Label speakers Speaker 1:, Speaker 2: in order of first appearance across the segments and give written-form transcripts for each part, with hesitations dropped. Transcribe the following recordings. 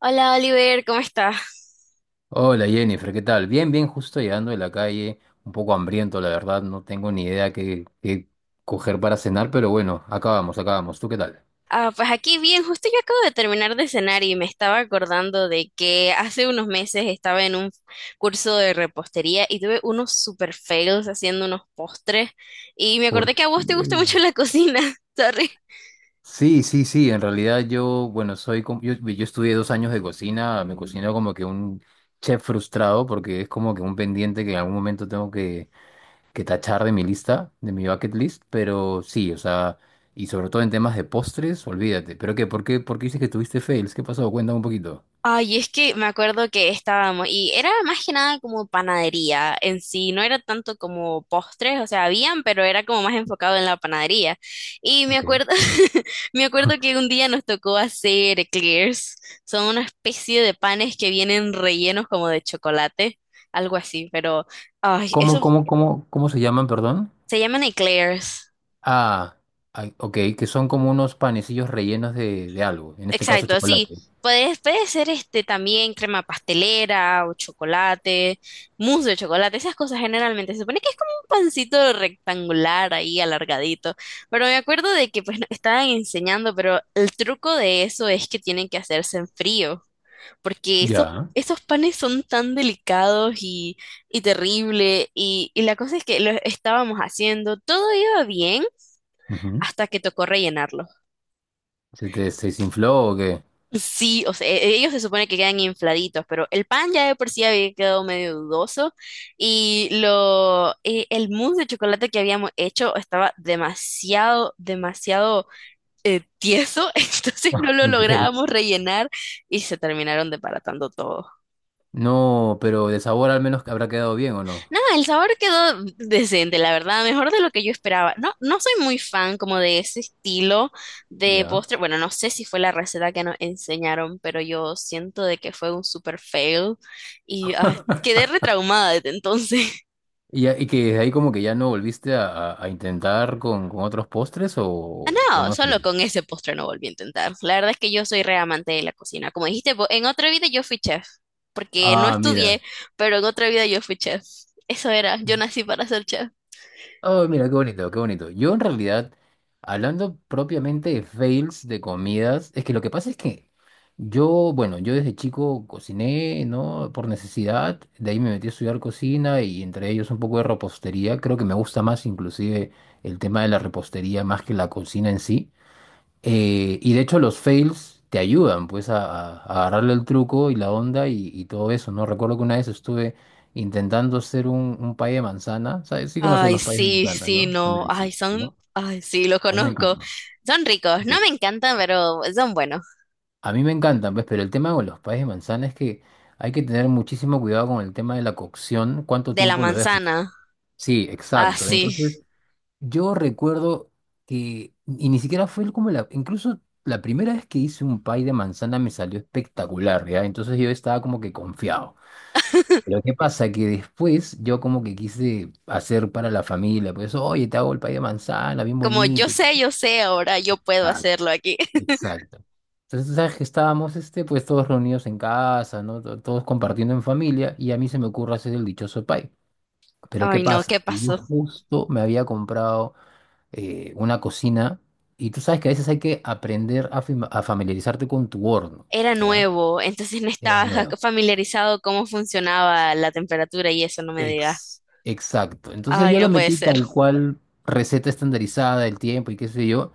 Speaker 1: Hola Oliver, ¿cómo estás?
Speaker 2: Hola Jennifer, ¿qué tal? Bien, justo llegando de la calle, un poco hambriento, la verdad, no tengo ni idea qué coger para cenar, pero bueno, acabamos. ¿Tú qué tal?
Speaker 1: Ah, pues aquí bien, justo yo acabo de terminar de cenar y me estaba acordando de que hace unos meses estaba en un curso de repostería y tuve unos super fails haciendo unos postres y me acordé
Speaker 2: ¿Por
Speaker 1: que a vos
Speaker 2: qué?
Speaker 1: te gusta mucho la cocina, sorry.
Speaker 2: Sí, sí, sí, en realidad yo, bueno, soy, com- yo estudié 2 años de cocina, me cocino como que un chef frustrado porque es como que un pendiente que en algún momento tengo que tachar de mi lista, de mi bucket list, pero sí, o sea, y sobre todo en temas de postres, olvídate. ¿Pero qué? ¿Por qué? ¿Por qué dices que tuviste fails? ¿Qué pasó? Cuéntame un poquito.
Speaker 1: Ay, es que me acuerdo que estábamos, y era más que nada como panadería en sí, no era tanto como postres, o sea, habían, pero era como más enfocado en la panadería. Y me acuerdo, me acuerdo que un día nos tocó hacer eclairs, son una especie de panes que vienen rellenos como de chocolate, algo así, pero, ay,
Speaker 2: Ok.
Speaker 1: eso
Speaker 2: ¿Cómo se llaman, perdón?
Speaker 1: se llaman eclairs.
Speaker 2: Ah, ay, ok, que son como unos panecillos rellenos de algo, en este caso
Speaker 1: Exacto, sí.
Speaker 2: chocolate.
Speaker 1: Puede ser este también crema pastelera o chocolate, mousse de chocolate, esas cosas generalmente. Se supone que es como un pancito rectangular ahí alargadito. Pero me acuerdo de que pues nos estaban enseñando, pero el truco de eso es que tienen que hacerse en frío, porque esos,
Speaker 2: Ya.
Speaker 1: esos panes son tan delicados y terrible. Y la cosa es que lo estábamos haciendo, todo iba bien
Speaker 2: Ujú.
Speaker 1: hasta que tocó rellenarlo.
Speaker 2: ¿Se te se desinfló o qué?
Speaker 1: Sí, o sea, ellos se supone que quedan infladitos, pero el pan ya de por sí había quedado medio dudoso y lo, el mousse de chocolate que habíamos hecho estaba demasiado, tieso, entonces no lo
Speaker 2: Ok.
Speaker 1: lográbamos rellenar y se terminaron desbaratando todo.
Speaker 2: No, pero de sabor al menos que habrá quedado bien o no.
Speaker 1: No, el sabor quedó decente, la verdad, mejor de lo que yo esperaba. No, no soy muy fan como de ese estilo de
Speaker 2: Ya.
Speaker 1: postre. Bueno, no sé si fue la receta que nos enseñaron, pero yo siento de que fue un super fail y ah, quedé retraumada desde entonces.
Speaker 2: ¿Y que desde ahí como que ya no volviste a intentar con otros postres
Speaker 1: Ah,
Speaker 2: o
Speaker 1: no,
Speaker 2: no sé?
Speaker 1: solo con ese postre no volví a intentar. La verdad es que yo soy re amante de la cocina. Como dijiste, vos, en otra vida yo fui chef, porque no
Speaker 2: Ah,
Speaker 1: estudié,
Speaker 2: mira.
Speaker 1: pero en otra vida yo fui chef. Eso era, yo nací para ser chef.
Speaker 2: Oh, mira, qué bonito, qué bonito. Yo en realidad, hablando propiamente de fails de comidas, es que lo que pasa es que yo, bueno, yo desde chico cociné, ¿no? Por necesidad, de ahí me metí a estudiar cocina y entre ellos un poco de repostería. Creo que me gusta más inclusive el tema de la repostería más que la cocina en sí. Y de hecho los fails te ayudan pues a agarrarle el truco y la onda y todo eso, ¿no? Recuerdo que una vez estuve intentando hacer un pay de manzana, ¿sabes? Sí conoces
Speaker 1: Ay,
Speaker 2: los payes de
Speaker 1: sí,
Speaker 2: manzana,
Speaker 1: sí,
Speaker 2: ¿no? Son
Speaker 1: no. Ay,
Speaker 2: deliciosos,
Speaker 1: son.
Speaker 2: ¿no?
Speaker 1: Ay, sí, lo
Speaker 2: A mí me
Speaker 1: conozco.
Speaker 2: encantan.
Speaker 1: Son ricos. No me
Speaker 2: Sí.
Speaker 1: encantan, pero son buenos.
Speaker 2: A mí me encantan, pues, pero el tema con los payes de manzana es que hay que tener muchísimo cuidado con el tema de la cocción, cuánto
Speaker 1: De la
Speaker 2: tiempo lo dejas.
Speaker 1: manzana.
Speaker 2: Sí,
Speaker 1: Ah,
Speaker 2: exacto.
Speaker 1: sí.
Speaker 2: Entonces... Yo recuerdo que, y ni siquiera fue como la, incluso la primera vez que hice un pie de manzana me salió espectacular, ¿ya? Entonces yo estaba como que confiado. Pero ¿qué pasa? Que después yo como que quise hacer para la familia, pues, oye, te hago el pie de manzana, bien
Speaker 1: Como
Speaker 2: bonito.
Speaker 1: yo sé, ahora yo puedo
Speaker 2: Ah,
Speaker 1: hacerlo aquí.
Speaker 2: exacto. Entonces, ¿sabes que estábamos, este, pues, todos reunidos en casa, ¿no? Todos compartiendo en familia, y a mí se me ocurre hacer el dichoso pie. Pero ¿qué
Speaker 1: Ay, no,
Speaker 2: pasa?
Speaker 1: ¿qué
Speaker 2: Que yo
Speaker 1: pasó?
Speaker 2: justo me había comprado una cocina y tú sabes que a veces hay que aprender a familiarizarte con tu horno,
Speaker 1: Era
Speaker 2: ¿ya?
Speaker 1: nuevo, entonces no
Speaker 2: Era
Speaker 1: estaba
Speaker 2: nuevo.
Speaker 1: familiarizado cómo funcionaba la temperatura y eso no me digas.
Speaker 2: Exacto. Entonces
Speaker 1: Ay,
Speaker 2: yo lo
Speaker 1: no puede
Speaker 2: metí
Speaker 1: ser.
Speaker 2: tal cual, receta estandarizada, el tiempo y qué sé yo,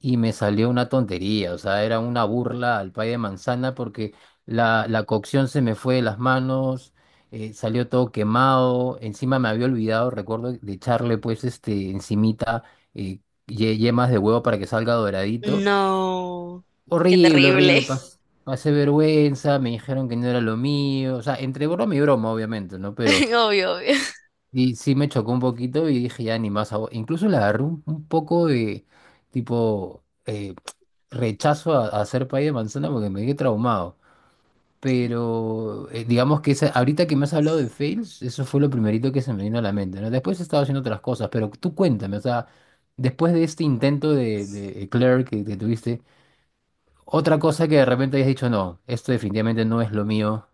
Speaker 2: y me salió una tontería, o sea, era una burla al pay de manzana porque la cocción se me fue de las manos. Salió todo quemado, encima me había olvidado, recuerdo, de echarle pues este encimita eh, yemas de huevo para que salga doradito.
Speaker 1: No, qué
Speaker 2: Horrible, horrible,
Speaker 1: terrible.
Speaker 2: pasé vergüenza, me dijeron que no era lo mío, o sea, entre broma y broma, obviamente, ¿no? Pero
Speaker 1: Obvio, obvio.
Speaker 2: y, sí me chocó un poquito y dije, ya ni más, incluso le agarré un poco de, tipo, rechazo a hacer pay de manzana porque me quedé traumado. Pero digamos que ahorita que me has hablado de fails, eso fue lo primerito que se me vino a la mente, ¿no? Después he estado haciendo otras cosas, pero tú cuéntame, o sea, después de este intento de Eclair que tuviste. Otra cosa que de repente hayas dicho, no, esto definitivamente no es lo mío.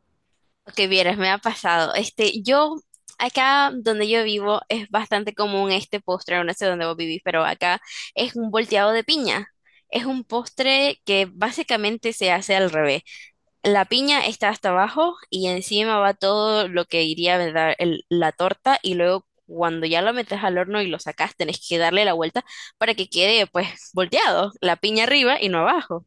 Speaker 1: Que vieras, me ha pasado. Este, yo, acá donde yo vivo es bastante común este postre, no sé dónde vos vivís, pero acá es un volteado de piña. Es un postre que básicamente se hace al revés. La piña está hasta abajo y encima va todo lo que iría ¿verdad? La torta y luego cuando ya lo metes al horno y lo sacas, tenés que darle la vuelta para que quede pues volteado, la piña arriba y no abajo.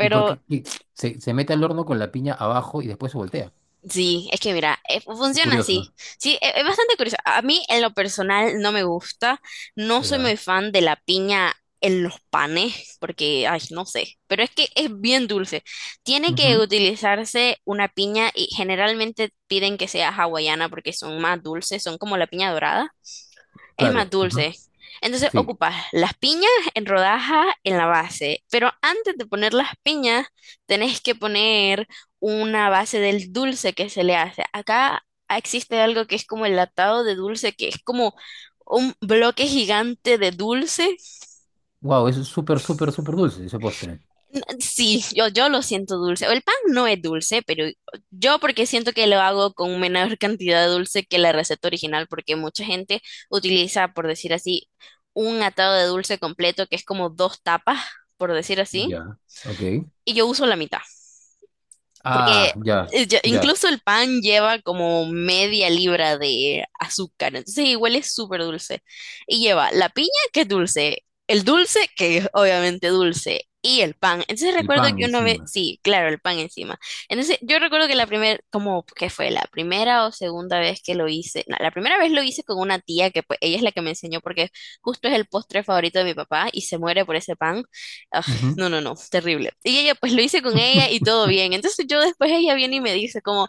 Speaker 2: ¿Y por qué qué? Se mete al horno con la piña abajo y después se voltea?
Speaker 1: sí, es que mira,
Speaker 2: Qué
Speaker 1: funciona
Speaker 2: curioso.
Speaker 1: así. Sí, es, bastante curioso. A mí en lo personal no me gusta, no soy
Speaker 2: Ya.
Speaker 1: muy fan de la piña en los panes, porque, ay, no sé, pero es que es bien dulce. Tiene que
Speaker 2: Ujú.
Speaker 1: utilizarse una piña y generalmente piden que sea hawaiana porque son más dulces, son como la piña dorada es más
Speaker 2: Claro. Ujú.
Speaker 1: dulce. Entonces
Speaker 2: Sí.
Speaker 1: ocupas las piñas en rodajas en la base, pero antes de poner las piñas tenés que poner una base del dulce que se le hace. Acá existe algo que es como el atado de dulce, que es como un bloque gigante de dulce.
Speaker 2: Wow, es súper, súper, súper dulce ese postre.
Speaker 1: Sí, yo lo siento dulce. El pan no es dulce, pero yo porque siento que lo hago con menor cantidad de dulce que la receta original, porque mucha gente utiliza, por decir así, un atado de dulce completo que es como dos tapas, por decir así,
Speaker 2: Ya. Ok.
Speaker 1: y yo uso la mitad. Porque
Speaker 2: Ah, ya, ya.
Speaker 1: incluso el pan lleva como media libra de azúcar, entonces igual es súper dulce. Y lleva la piña, que es dulce, el dulce, que es obviamente dulce, y el pan. Entonces
Speaker 2: El
Speaker 1: recuerdo
Speaker 2: pan
Speaker 1: que una vez,
Speaker 2: encima.
Speaker 1: sí, claro, el pan encima. Entonces yo recuerdo que la primera, como que fue la primera o segunda vez que lo hice, no, la primera vez lo hice con una tía que pues ella es la que me enseñó porque justo es el postre favorito de mi papá y se muere por ese pan,
Speaker 2: Ujú.
Speaker 1: no, no, no, terrible. Y ella, pues lo hice con ella y todo bien. Entonces yo después ella viene y me dice como,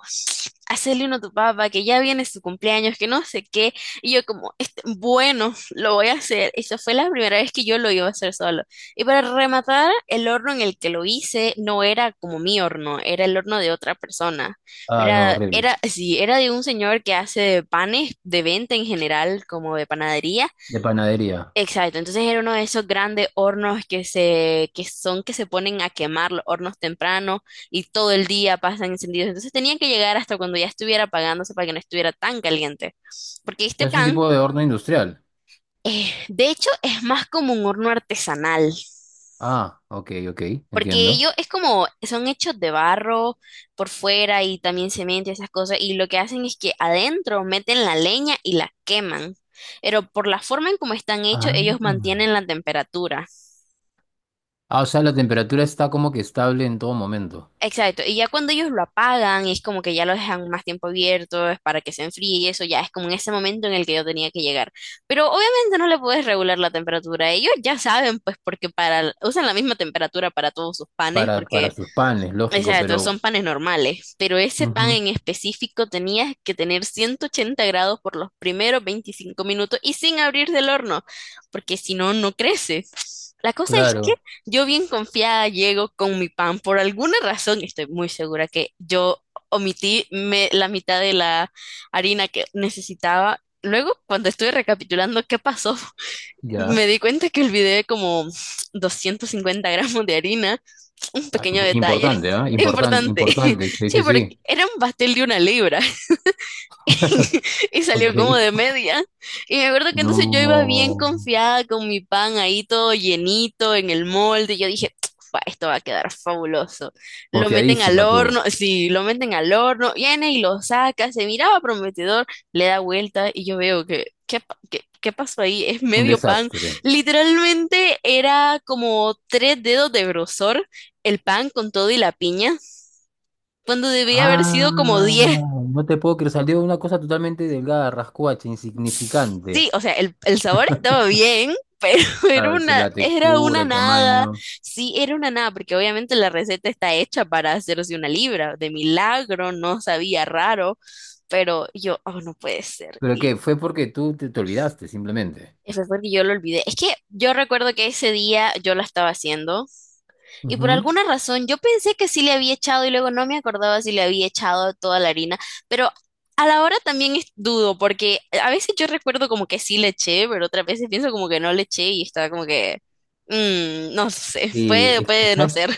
Speaker 1: hacerle uno a tu papá, que ya viene su cumpleaños, que no sé qué. Y yo como, este, bueno, lo voy a hacer. Esa fue la primera vez que yo lo iba a hacer solo. Y para rematar, el horno en el que lo hice no era como mi horno, era el horno de otra persona.
Speaker 2: Ah, no,
Speaker 1: Era,
Speaker 2: horrible.
Speaker 1: era, sí, era de un señor que hace panes de venta en general, como de panadería.
Speaker 2: De panadería.
Speaker 1: Exacto, entonces era uno de esos grandes hornos que se, que son que se ponen a quemar los hornos temprano y todo el día pasan encendidos. Entonces tenían que llegar hasta cuando ya estuviera apagándose para que no estuviera tan caliente. Porque este
Speaker 2: Es un
Speaker 1: pan,
Speaker 2: tipo de horno industrial.
Speaker 1: de hecho, es más como un horno artesanal.
Speaker 2: Ah, ok, ok,
Speaker 1: Porque
Speaker 2: entiendo.
Speaker 1: ellos es como, son hechos de barro por fuera y también cemento y esas cosas. Y lo que hacen es que adentro meten la leña y la queman. Pero por la forma en cómo están hechos, ellos
Speaker 2: Ah.
Speaker 1: mantienen la temperatura.
Speaker 2: Ah, o sea, la temperatura está como que estable en todo momento.
Speaker 1: Exacto, y ya cuando ellos lo apagan, es como que ya lo dejan más tiempo abierto, es para que se enfríe y eso ya es como en ese momento en el que yo tenía que llegar. Pero obviamente no le puedes regular la temperatura, ellos ya saben pues porque para, usan la misma temperatura para todos sus panes,
Speaker 2: Para
Speaker 1: porque
Speaker 2: sus panes, lógico,
Speaker 1: exacto,
Speaker 2: pero
Speaker 1: son panes normales, pero ese pan
Speaker 2: ujú,
Speaker 1: en específico tenías que tener 180 grados por los primeros 25 minutos y sin abrir del horno, porque si no, no crece. La cosa es que
Speaker 2: claro,
Speaker 1: yo bien confiada llego con mi pan. Por alguna razón, estoy muy segura que yo omití la mitad de la harina que necesitaba. Luego, cuando estuve recapitulando qué pasó,
Speaker 2: ya.
Speaker 1: me di cuenta que olvidé como 250 gramos de harina, un
Speaker 2: Ah,
Speaker 1: pequeño detalle
Speaker 2: importante, ¿ah? Importante,
Speaker 1: importante.
Speaker 2: importante, sí,
Speaker 1: Sí,
Speaker 2: sí,
Speaker 1: porque
Speaker 2: sí.
Speaker 1: era un pastel de una libra. Y
Speaker 2: Ok.
Speaker 1: salió como de media. Y me acuerdo que entonces yo iba bien
Speaker 2: No,
Speaker 1: confiada con mi pan ahí todo llenito en el molde. Y yo dije, "Fa, esto va a quedar fabuloso". Lo meten al
Speaker 2: confiadísima tú.
Speaker 1: horno, sí, lo meten al horno, viene y lo saca, se miraba prometedor, le da vuelta y yo veo que, ¿qué, qué, qué pasó ahí? Es
Speaker 2: Un
Speaker 1: medio pan.
Speaker 2: desastre.
Speaker 1: Literalmente era como tres dedos de grosor el pan con todo y la piña, cuando debía haber
Speaker 2: Ah,
Speaker 1: sido como diez.
Speaker 2: no te puedo creer, salió una cosa totalmente delgada, rascuacha, insignificante.
Speaker 1: Sí, o sea, el sabor estaba bien, pero era
Speaker 2: Claro, con
Speaker 1: una,
Speaker 2: la
Speaker 1: era
Speaker 2: textura,
Speaker 1: una
Speaker 2: el
Speaker 1: nada.
Speaker 2: tamaño.
Speaker 1: Sí, era una nada, porque obviamente la receta está hecha para hacerse una libra. De milagro, no sabía raro, pero yo, oh, no puede ser.
Speaker 2: ¿Pero qué?
Speaker 1: Y
Speaker 2: Fue porque tú te olvidaste, simplemente.
Speaker 1: fue porque yo lo olvidé. Es que yo recuerdo que ese día yo la estaba haciendo. Y por
Speaker 2: Ujú.
Speaker 1: alguna razón yo pensé que sí le había echado y luego no me acordaba si le había echado toda la harina, pero a la hora también dudo porque a veces yo recuerdo como que sí le eché, pero otras veces pienso como que no le eché y estaba como que, mm, no sé,
Speaker 2: Sí,
Speaker 1: puede,
Speaker 2: es que,
Speaker 1: puede no
Speaker 2: ¿sabes
Speaker 1: ser.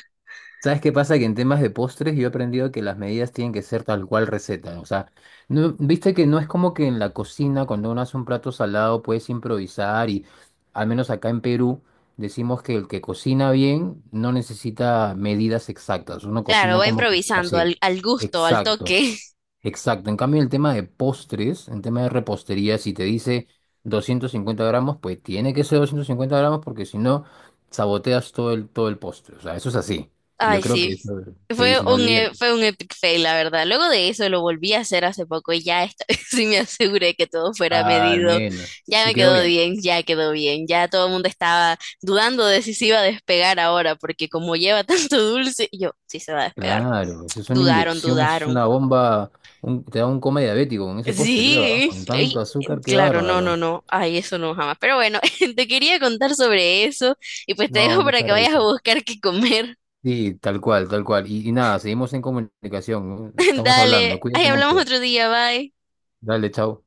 Speaker 2: ¿Sabes qué pasa? Que en temas de postres yo he aprendido que las medidas tienen que ser tal cual receta. O sea, no, viste que no es como que en la cocina cuando uno hace un plato salado puedes improvisar y al menos acá en Perú decimos que el que cocina bien no necesita medidas exactas. Uno
Speaker 1: Claro,
Speaker 2: cocina
Speaker 1: va
Speaker 2: como que
Speaker 1: improvisando
Speaker 2: así.
Speaker 1: al, al gusto, al
Speaker 2: Exacto.
Speaker 1: toque.
Speaker 2: Exacto, en cambio el tema de postres, en tema de repostería, si te dice 250 gramos, pues tiene que ser 250 gramos porque si no, saboteas todo el postre. O sea, eso es así. Y yo
Speaker 1: Ay,
Speaker 2: creo que
Speaker 1: sí.
Speaker 2: eso, sí,
Speaker 1: Fue
Speaker 2: si no
Speaker 1: un,
Speaker 2: olvídate.
Speaker 1: fue un epic fail, la verdad. Luego de eso lo volví a hacer hace poco y ya esta vez sí me aseguré que todo fuera
Speaker 2: Al
Speaker 1: medido.
Speaker 2: menos.
Speaker 1: Ya
Speaker 2: Y
Speaker 1: me
Speaker 2: quedó bien.
Speaker 1: quedó bien. Ya todo el mundo estaba dudando de si se iba a despegar ahora, porque como lleva tanto dulce, y yo sí se va a despegar.
Speaker 2: Claro, eso es una
Speaker 1: Dudaron,
Speaker 2: inyección, eso es
Speaker 1: dudaron.
Speaker 2: una bomba, te da un coma diabético con ese postre, creo, ¿ah?
Speaker 1: Sí,
Speaker 2: Con tanto
Speaker 1: y-
Speaker 2: azúcar, qué
Speaker 1: claro, no, no,
Speaker 2: bárbaro.
Speaker 1: no. Ay, eso no jamás. Pero bueno, te quería contar sobre eso y pues te dejo
Speaker 2: No,
Speaker 1: para
Speaker 2: mucha
Speaker 1: que vayas a
Speaker 2: risa.
Speaker 1: buscar qué comer.
Speaker 2: Sí, tal cual, tal cual. Y nada, seguimos en comunicación. ¿No? Estamos hablando,
Speaker 1: Dale, ay,
Speaker 2: cuídate
Speaker 1: hablamos
Speaker 2: mucho.
Speaker 1: otro día, bye.
Speaker 2: Dale, chao.